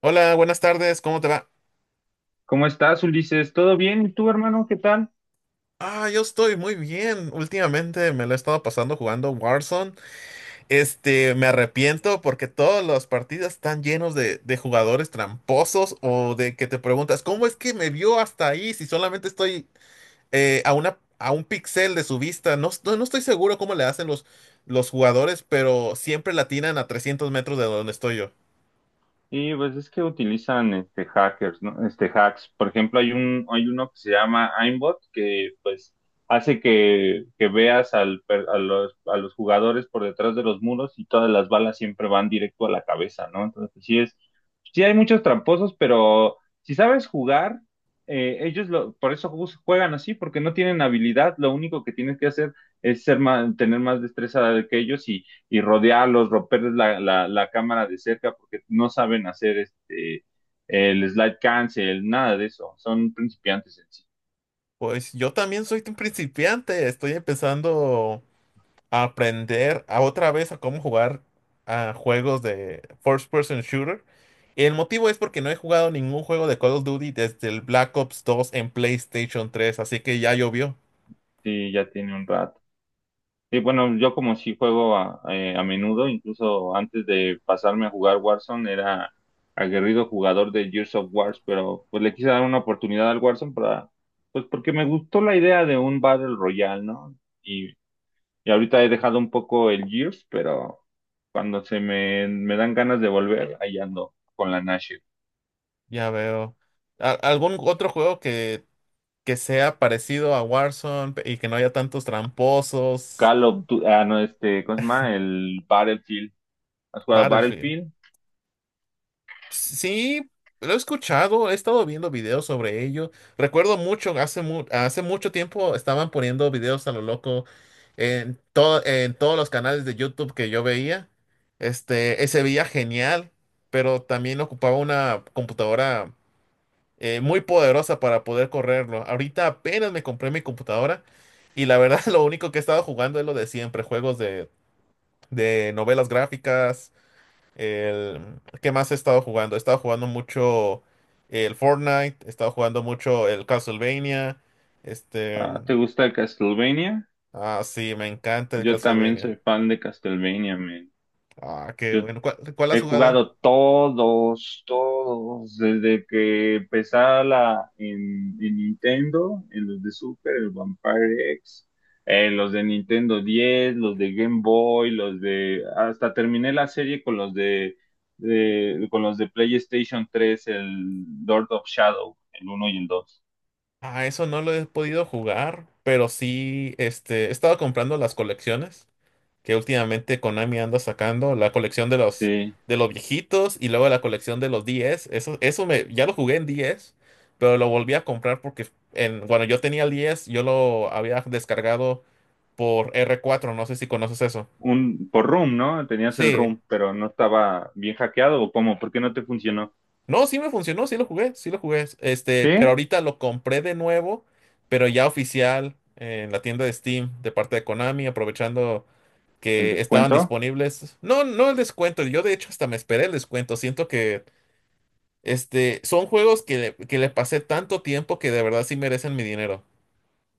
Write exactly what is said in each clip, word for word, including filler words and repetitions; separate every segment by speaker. Speaker 1: Hola, buenas tardes, ¿cómo te va?
Speaker 2: ¿Cómo estás, Ulises? ¿Todo bien? ¿Y tú, hermano? ¿Qué tal?
Speaker 1: Ah, yo estoy muy bien. Últimamente me lo he estado pasando jugando Warzone. Este, me arrepiento porque todas las partidas están llenos de, de jugadores tramposos o de que te preguntas, ¿cómo es que me vio hasta ahí si solamente estoy eh, a una, a un pixel de su vista? No, no no estoy seguro cómo le hacen los, los jugadores, pero siempre la atinan a trescientos metros de donde estoy yo.
Speaker 2: Y pues es que utilizan este hackers, ¿no? Este hacks. Por ejemplo, hay un, hay uno que se llama aimbot que pues hace que, que veas al, per- a los, a los jugadores por detrás de los muros y todas las balas siempre van directo a la cabeza, ¿no? Entonces sí es, sí hay muchos tramposos, pero si sabes jugar, eh, ellos lo, por eso jus- juegan así, porque no tienen habilidad. Lo único que tienes que hacer es ser más, tener más destreza que ellos y rodearlos, romperles la, la, la cámara de cerca porque no saben hacer este el slide cancel, nada de eso. Son principiantes en sí.
Speaker 1: Pues yo también soy un principiante, estoy empezando a aprender a otra vez a cómo jugar a juegos de first person shooter. El motivo es porque no he jugado ningún juego de Call of Duty desde el Black Ops dos en PlayStation tres, así que ya llovió.
Speaker 2: Sí, ya tiene un rato. Sí, bueno, yo como sí juego a, eh, a menudo. Incluso antes de pasarme a jugar Warzone, era aguerrido jugador de Gears of Wars, pero pues le quise dar una oportunidad al Warzone, para, pues porque me gustó la idea de un Battle Royale, ¿no? Y Y ahorita he dejado un poco el Gears, pero cuando se me, me dan ganas de volver, ahí ando con la Nashville.
Speaker 1: Ya veo. ¿Al- ¿Algún otro juego que, que sea parecido a Warzone pe- y que no haya tantos tramposos?
Speaker 2: Call of Du- ah, no, este, ¿cómo se llama? El Battlefield. ¿Has jugado
Speaker 1: Battlefield.
Speaker 2: Battlefield?
Speaker 1: Sí, lo he escuchado, he estado viendo videos sobre ello. Recuerdo mucho, hace, mu- hace mucho tiempo estaban poniendo videos a lo loco en, todo, en todos los canales de YouTube que yo veía. Este, eh, se veía genial, pero también ocupaba una computadora eh, muy poderosa para poder correrlo. Ahorita apenas me compré mi computadora y la verdad lo único que he estado jugando es lo de siempre, juegos de, de novelas gráficas. El, ¿qué más he estado jugando? He estado jugando mucho el Fortnite, he estado jugando mucho el Castlevania. Este,
Speaker 2: Ah, ¿te gusta el Castlevania?
Speaker 1: ah, sí, me encanta el
Speaker 2: Yo también
Speaker 1: Castlevania.
Speaker 2: soy fan de Castlevania, man.
Speaker 1: Ah, qué
Speaker 2: Yo
Speaker 1: bueno. ¿Cuál, ¿cuál has
Speaker 2: He
Speaker 1: jugado?
Speaker 2: jugado todos, todos, desde que empezaba la, en, en Nintendo, en los de Super, el Vampire X, eh, los de Nintendo diez, los de Game Boy, los de, hasta terminé la serie con los de, de- con los de PlayStation tres, el Lord of Shadow, el uno y el dos.
Speaker 1: Ah, eso no lo he podido jugar, pero sí, este, he estado comprando las colecciones que últimamente Konami anda sacando, la colección de los
Speaker 2: Sí,
Speaker 1: de los viejitos y luego la colección de los diez. Eso, eso me, ya lo jugué en diez, pero lo volví a comprar porque en, cuando yo tenía el diez, yo lo había descargado por R cuatro, no sé si conoces eso.
Speaker 2: un, por Room, ¿no? Tenías el
Speaker 1: Sí.
Speaker 2: Room, pero no estaba bien hackeado o cómo, ¿por qué no te funcionó?
Speaker 1: No, sí me funcionó, sí lo jugué, sí lo jugué. Este, pero
Speaker 2: ¿Sí?
Speaker 1: ahorita lo compré de nuevo, pero ya oficial en la tienda de Steam de parte de Konami, aprovechando
Speaker 2: ¿El
Speaker 1: que estaban
Speaker 2: descuento?
Speaker 1: disponibles. No, no el descuento. Yo de hecho hasta me esperé el descuento. Siento que este, son juegos que le, que le pasé tanto tiempo que de verdad sí merecen mi dinero.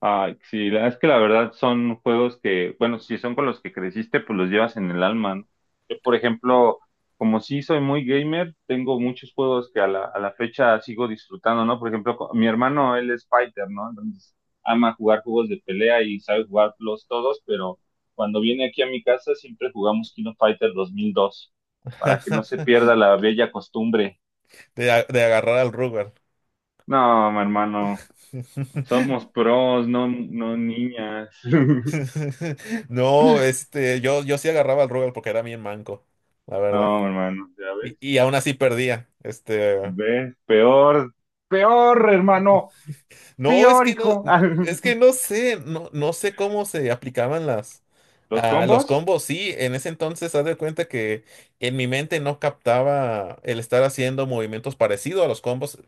Speaker 2: Ah, sí, la- es que la verdad son juegos que, bueno, si son con los que creciste, pues los llevas en el alma, ¿no? Yo, por ejemplo, como sí soy muy gamer, tengo muchos juegos que a la, a la fecha sigo disfrutando, ¿no? Por ejemplo, co- mi hermano, él es fighter, ¿no? Entonces, ama jugar juegos de pelea y sabe jugarlos todos, pero cuando viene aquí a mi casa siempre jugamos King of Fighter dos mil dos, para que no se pierda la bella costumbre.
Speaker 1: De, a- de agarrar al Rugal.
Speaker 2: No, mi hermano, somos pros, no, no niñas.
Speaker 1: No, este, yo, yo sí agarraba al Rugal porque era bien manco, la verdad.
Speaker 2: No, hermano, ya
Speaker 1: Y,
Speaker 2: ves,
Speaker 1: y aún así perdía. Este.
Speaker 2: ves, peor, peor, hermano,
Speaker 1: No, es
Speaker 2: peor,
Speaker 1: que no,
Speaker 2: hijo.
Speaker 1: es que no sé, no, no sé cómo se aplicaban las,
Speaker 2: Los
Speaker 1: ah, los
Speaker 2: combos
Speaker 1: combos. Sí, en ese entonces, haz de cuenta que en mi mente no captaba el estar haciendo movimientos parecidos a los combos,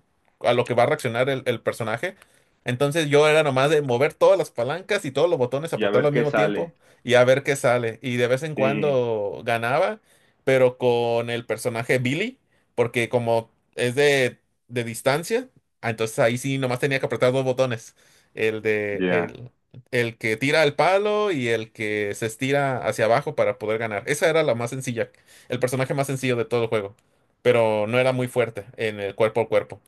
Speaker 1: a lo que va a reaccionar el, el personaje. Entonces yo era nomás de mover todas las palancas y todos los botones,
Speaker 2: y a
Speaker 1: apretarlo
Speaker 2: ver
Speaker 1: al
Speaker 2: qué
Speaker 1: mismo tiempo
Speaker 2: sale.
Speaker 1: y a ver qué sale. Y de vez en
Speaker 2: Sí,
Speaker 1: cuando ganaba, pero con el personaje Billy, porque como es de de distancia. Ah, entonces ahí sí nomás tenía que apretar dos botones. El de
Speaker 2: ya.
Speaker 1: el, el que tira el palo y el que se estira hacia abajo para poder ganar. Esa era la más sencilla, el personaje más sencillo de todo el juego. Pero no era muy fuerte en el cuerpo a cuerpo.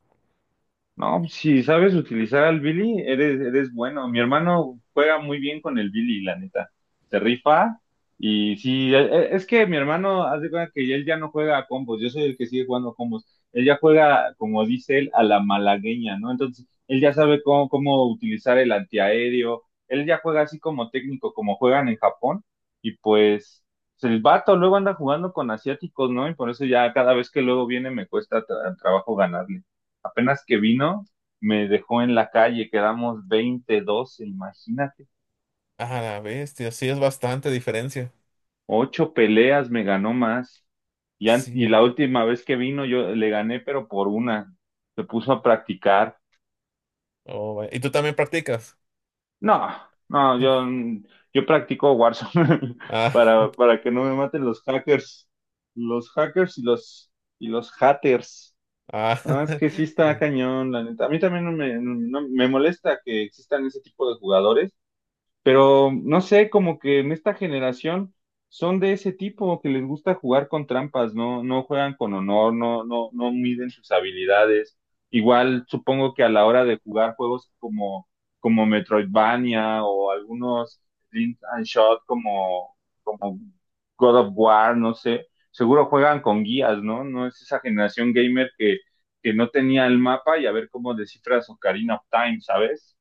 Speaker 2: No, si sabes utilizar al Billy, eres, eres bueno. Mi hermano juega muy bien con el Billy, la neta. Se rifa y sí, e- e- es que mi hermano haz de cuenta que él ya no juega a combos, yo soy el que sigue jugando a combos. Él ya juega, como dice él, a la malagueña, ¿no? Entonces, él ya sabe cómo, cómo utilizar el antiaéreo, él ya juega así como técnico, como juegan en Japón, y pues el vato luego anda jugando con asiáticos, ¿no? Y por eso ya cada vez que luego viene me cuesta tra- trabajo ganarle. Apenas que vino, me dejó en la calle, quedamos veinte doce, imagínate.
Speaker 1: Ah, la bestia, sí es bastante diferencia.
Speaker 2: Ocho peleas me ganó más. Y, an- y
Speaker 1: Sí.
Speaker 2: la última vez que vino yo le gané, pero por una. Se puso a practicar.
Speaker 1: Oh, vaya. ¿Y tú también practicas?
Speaker 2: No, no, yo, yo practico Warzone
Speaker 1: Ah,
Speaker 2: para, para que no me maten los hackers. Los hackers y los, y los haters.
Speaker 1: ah.
Speaker 2: Ah, es que sí está
Speaker 1: Sí.
Speaker 2: cañón, la neta. A mí también no me, no- no, me molesta que existan ese tipo de jugadores. Pero no sé, como que en esta generación son de ese tipo que les gusta jugar con trampas, no, no juegan con honor, no, no, no miden sus habilidades. Igual supongo que a la hora de jugar juegos como, como Metroidvania o algunos Link and Shot como, como God of War, no sé, seguro juegan con guías, ¿no? No es esa generación gamer que, que no tenía el mapa y a ver cómo descifras Ocarina of Time, ¿sabes?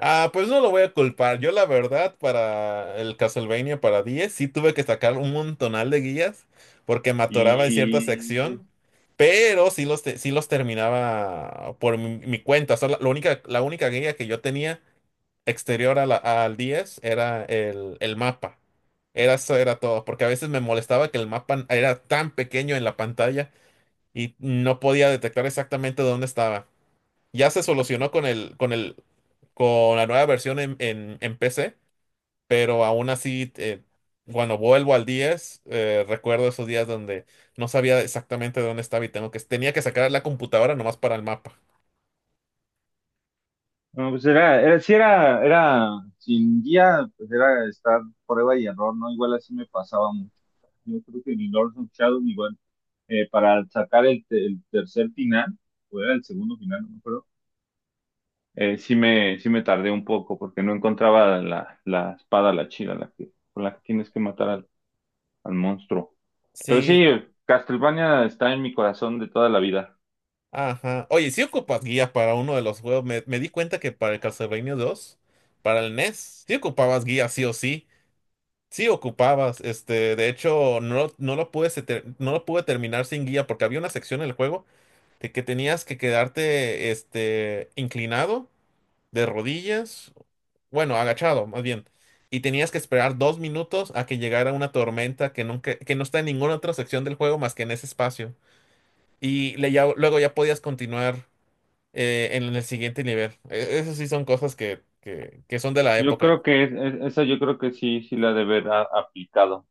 Speaker 1: Ah, pues no lo voy a culpar. Yo la verdad para el Castlevania para diez sí tuve que sacar un montonal de guías porque me atoraba en cierta
Speaker 2: Y
Speaker 1: sección, pero sí los, te- sí los terminaba por mi, mi cuenta. Solo- la única, la única guía que yo tenía exterior a la- al diez era el, el mapa. Era, eso era todo, porque a veces me molestaba que el mapa era tan pequeño en la pantalla y no podía detectar exactamente dónde estaba. Ya se solucionó con el, con el con la nueva versión en, en, en P C, pero aún así, eh, cuando vuelvo al diez, eh, recuerdo esos días donde no sabía exactamente dónde estaba y tengo que, tenía que sacar la computadora nomás para el mapa.
Speaker 2: no, pues era, era, sí era, era, sin guía, pues era estar prueba y error, ¿no? Igual así me pasaba mucho. Yo creo que en el Lords of Shadow, igual, eh, para sacar el, te- el tercer final, o era el segundo final, no me acuerdo, eh, sí me, sí me tardé un poco porque no encontraba la, la espada, la chila, la que, con la que tienes que matar al, al monstruo. Pero sí,
Speaker 1: Sí,
Speaker 2: Castlevania está en mi corazón de toda la vida.
Speaker 1: ajá. Oye, si ocupas guía para uno de los juegos, me, me di cuenta que para el Castlevania dos para el NES, sí ocupabas guía sí o sí. Sí ocupabas, este, de hecho, no, no lo pude, se ter- no lo pude terminar sin guía porque había una sección en el juego de que tenías que quedarte, este, inclinado de rodillas, bueno, agachado más bien, y tenías que esperar dos minutos a que llegara una tormenta que nunca, que no está en ninguna otra sección del juego más que en ese espacio. Y le ya- luego ya podías continuar eh, en el siguiente nivel. E- Esas sí son cosas que, que, que son de la
Speaker 2: Yo
Speaker 1: época.
Speaker 2: creo que es- es- esa yo creo que sí, sí la ha de haber a- aplicado,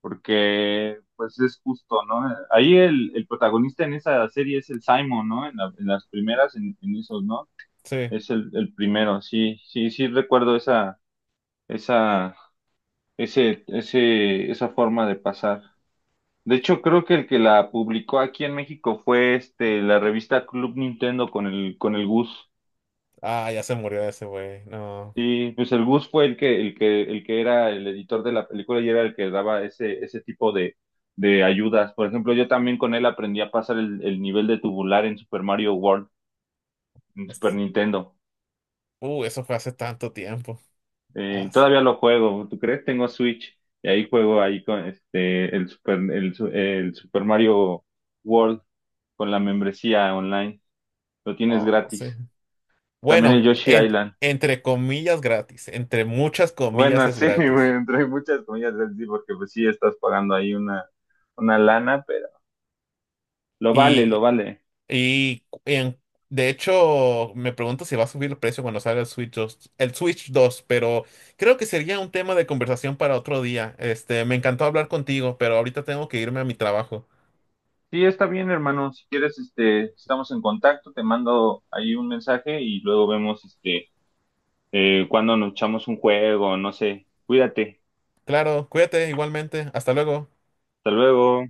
Speaker 2: porque pues es justo, ¿no? Ahí el, el protagonista en esa serie es el Simon, ¿no? En, la- en las primeras, en, en esos, ¿no?
Speaker 1: Sí.
Speaker 2: Es el, el primero, sí, sí, sí recuerdo esa, esa, ese, ese, esa forma de pasar. De hecho, creo que el que la publicó aquí en México fue este, la revista Club Nintendo con el, con el Gus.
Speaker 1: Ah, ya se murió ese güey. No.
Speaker 2: Sí, pues el Gus fue el que, el que, el que era el editor de la película y era el que daba ese, ese tipo de, de ayudas. Por ejemplo, yo también con él aprendí a pasar el, el nivel de tubular en Super Mario World, en Super
Speaker 1: Es-
Speaker 2: Nintendo.
Speaker 1: Uh, eso fue hace tanto tiempo.
Speaker 2: Eh,
Speaker 1: Ah, sí.
Speaker 2: todavía lo juego, ¿tú crees? Tengo Switch y ahí juego ahí con este el Super, el, su- el Super Mario World con la membresía online. Lo tienes
Speaker 1: Oh, sí.
Speaker 2: gratis. También
Speaker 1: Bueno,
Speaker 2: el Yoshi
Speaker 1: en-
Speaker 2: Island.
Speaker 1: entre comillas gratis. Entre muchas comillas
Speaker 2: Bueno,
Speaker 1: es
Speaker 2: sí, güey,
Speaker 1: gratis.
Speaker 2: entre muchas comillas, es sí, porque pues sí estás pagando ahí una, una lana, pero lo vale, lo
Speaker 1: Y
Speaker 2: vale.
Speaker 1: Y en- de hecho, me pregunto si va a subir el precio cuando salga el Switch dos el Switch dos, pero creo que sería un tema de conversación para otro día. Este, me encantó hablar contigo, pero ahorita tengo que irme a mi trabajo.
Speaker 2: Sí, está bien, hermano. Si quieres, este, estamos en contacto, te mando ahí un mensaje y luego vemos, este, eh, cuando nos echamos un juego, no sé. Cuídate.
Speaker 1: Claro, cuídate igualmente. Hasta luego.
Speaker 2: Hasta luego.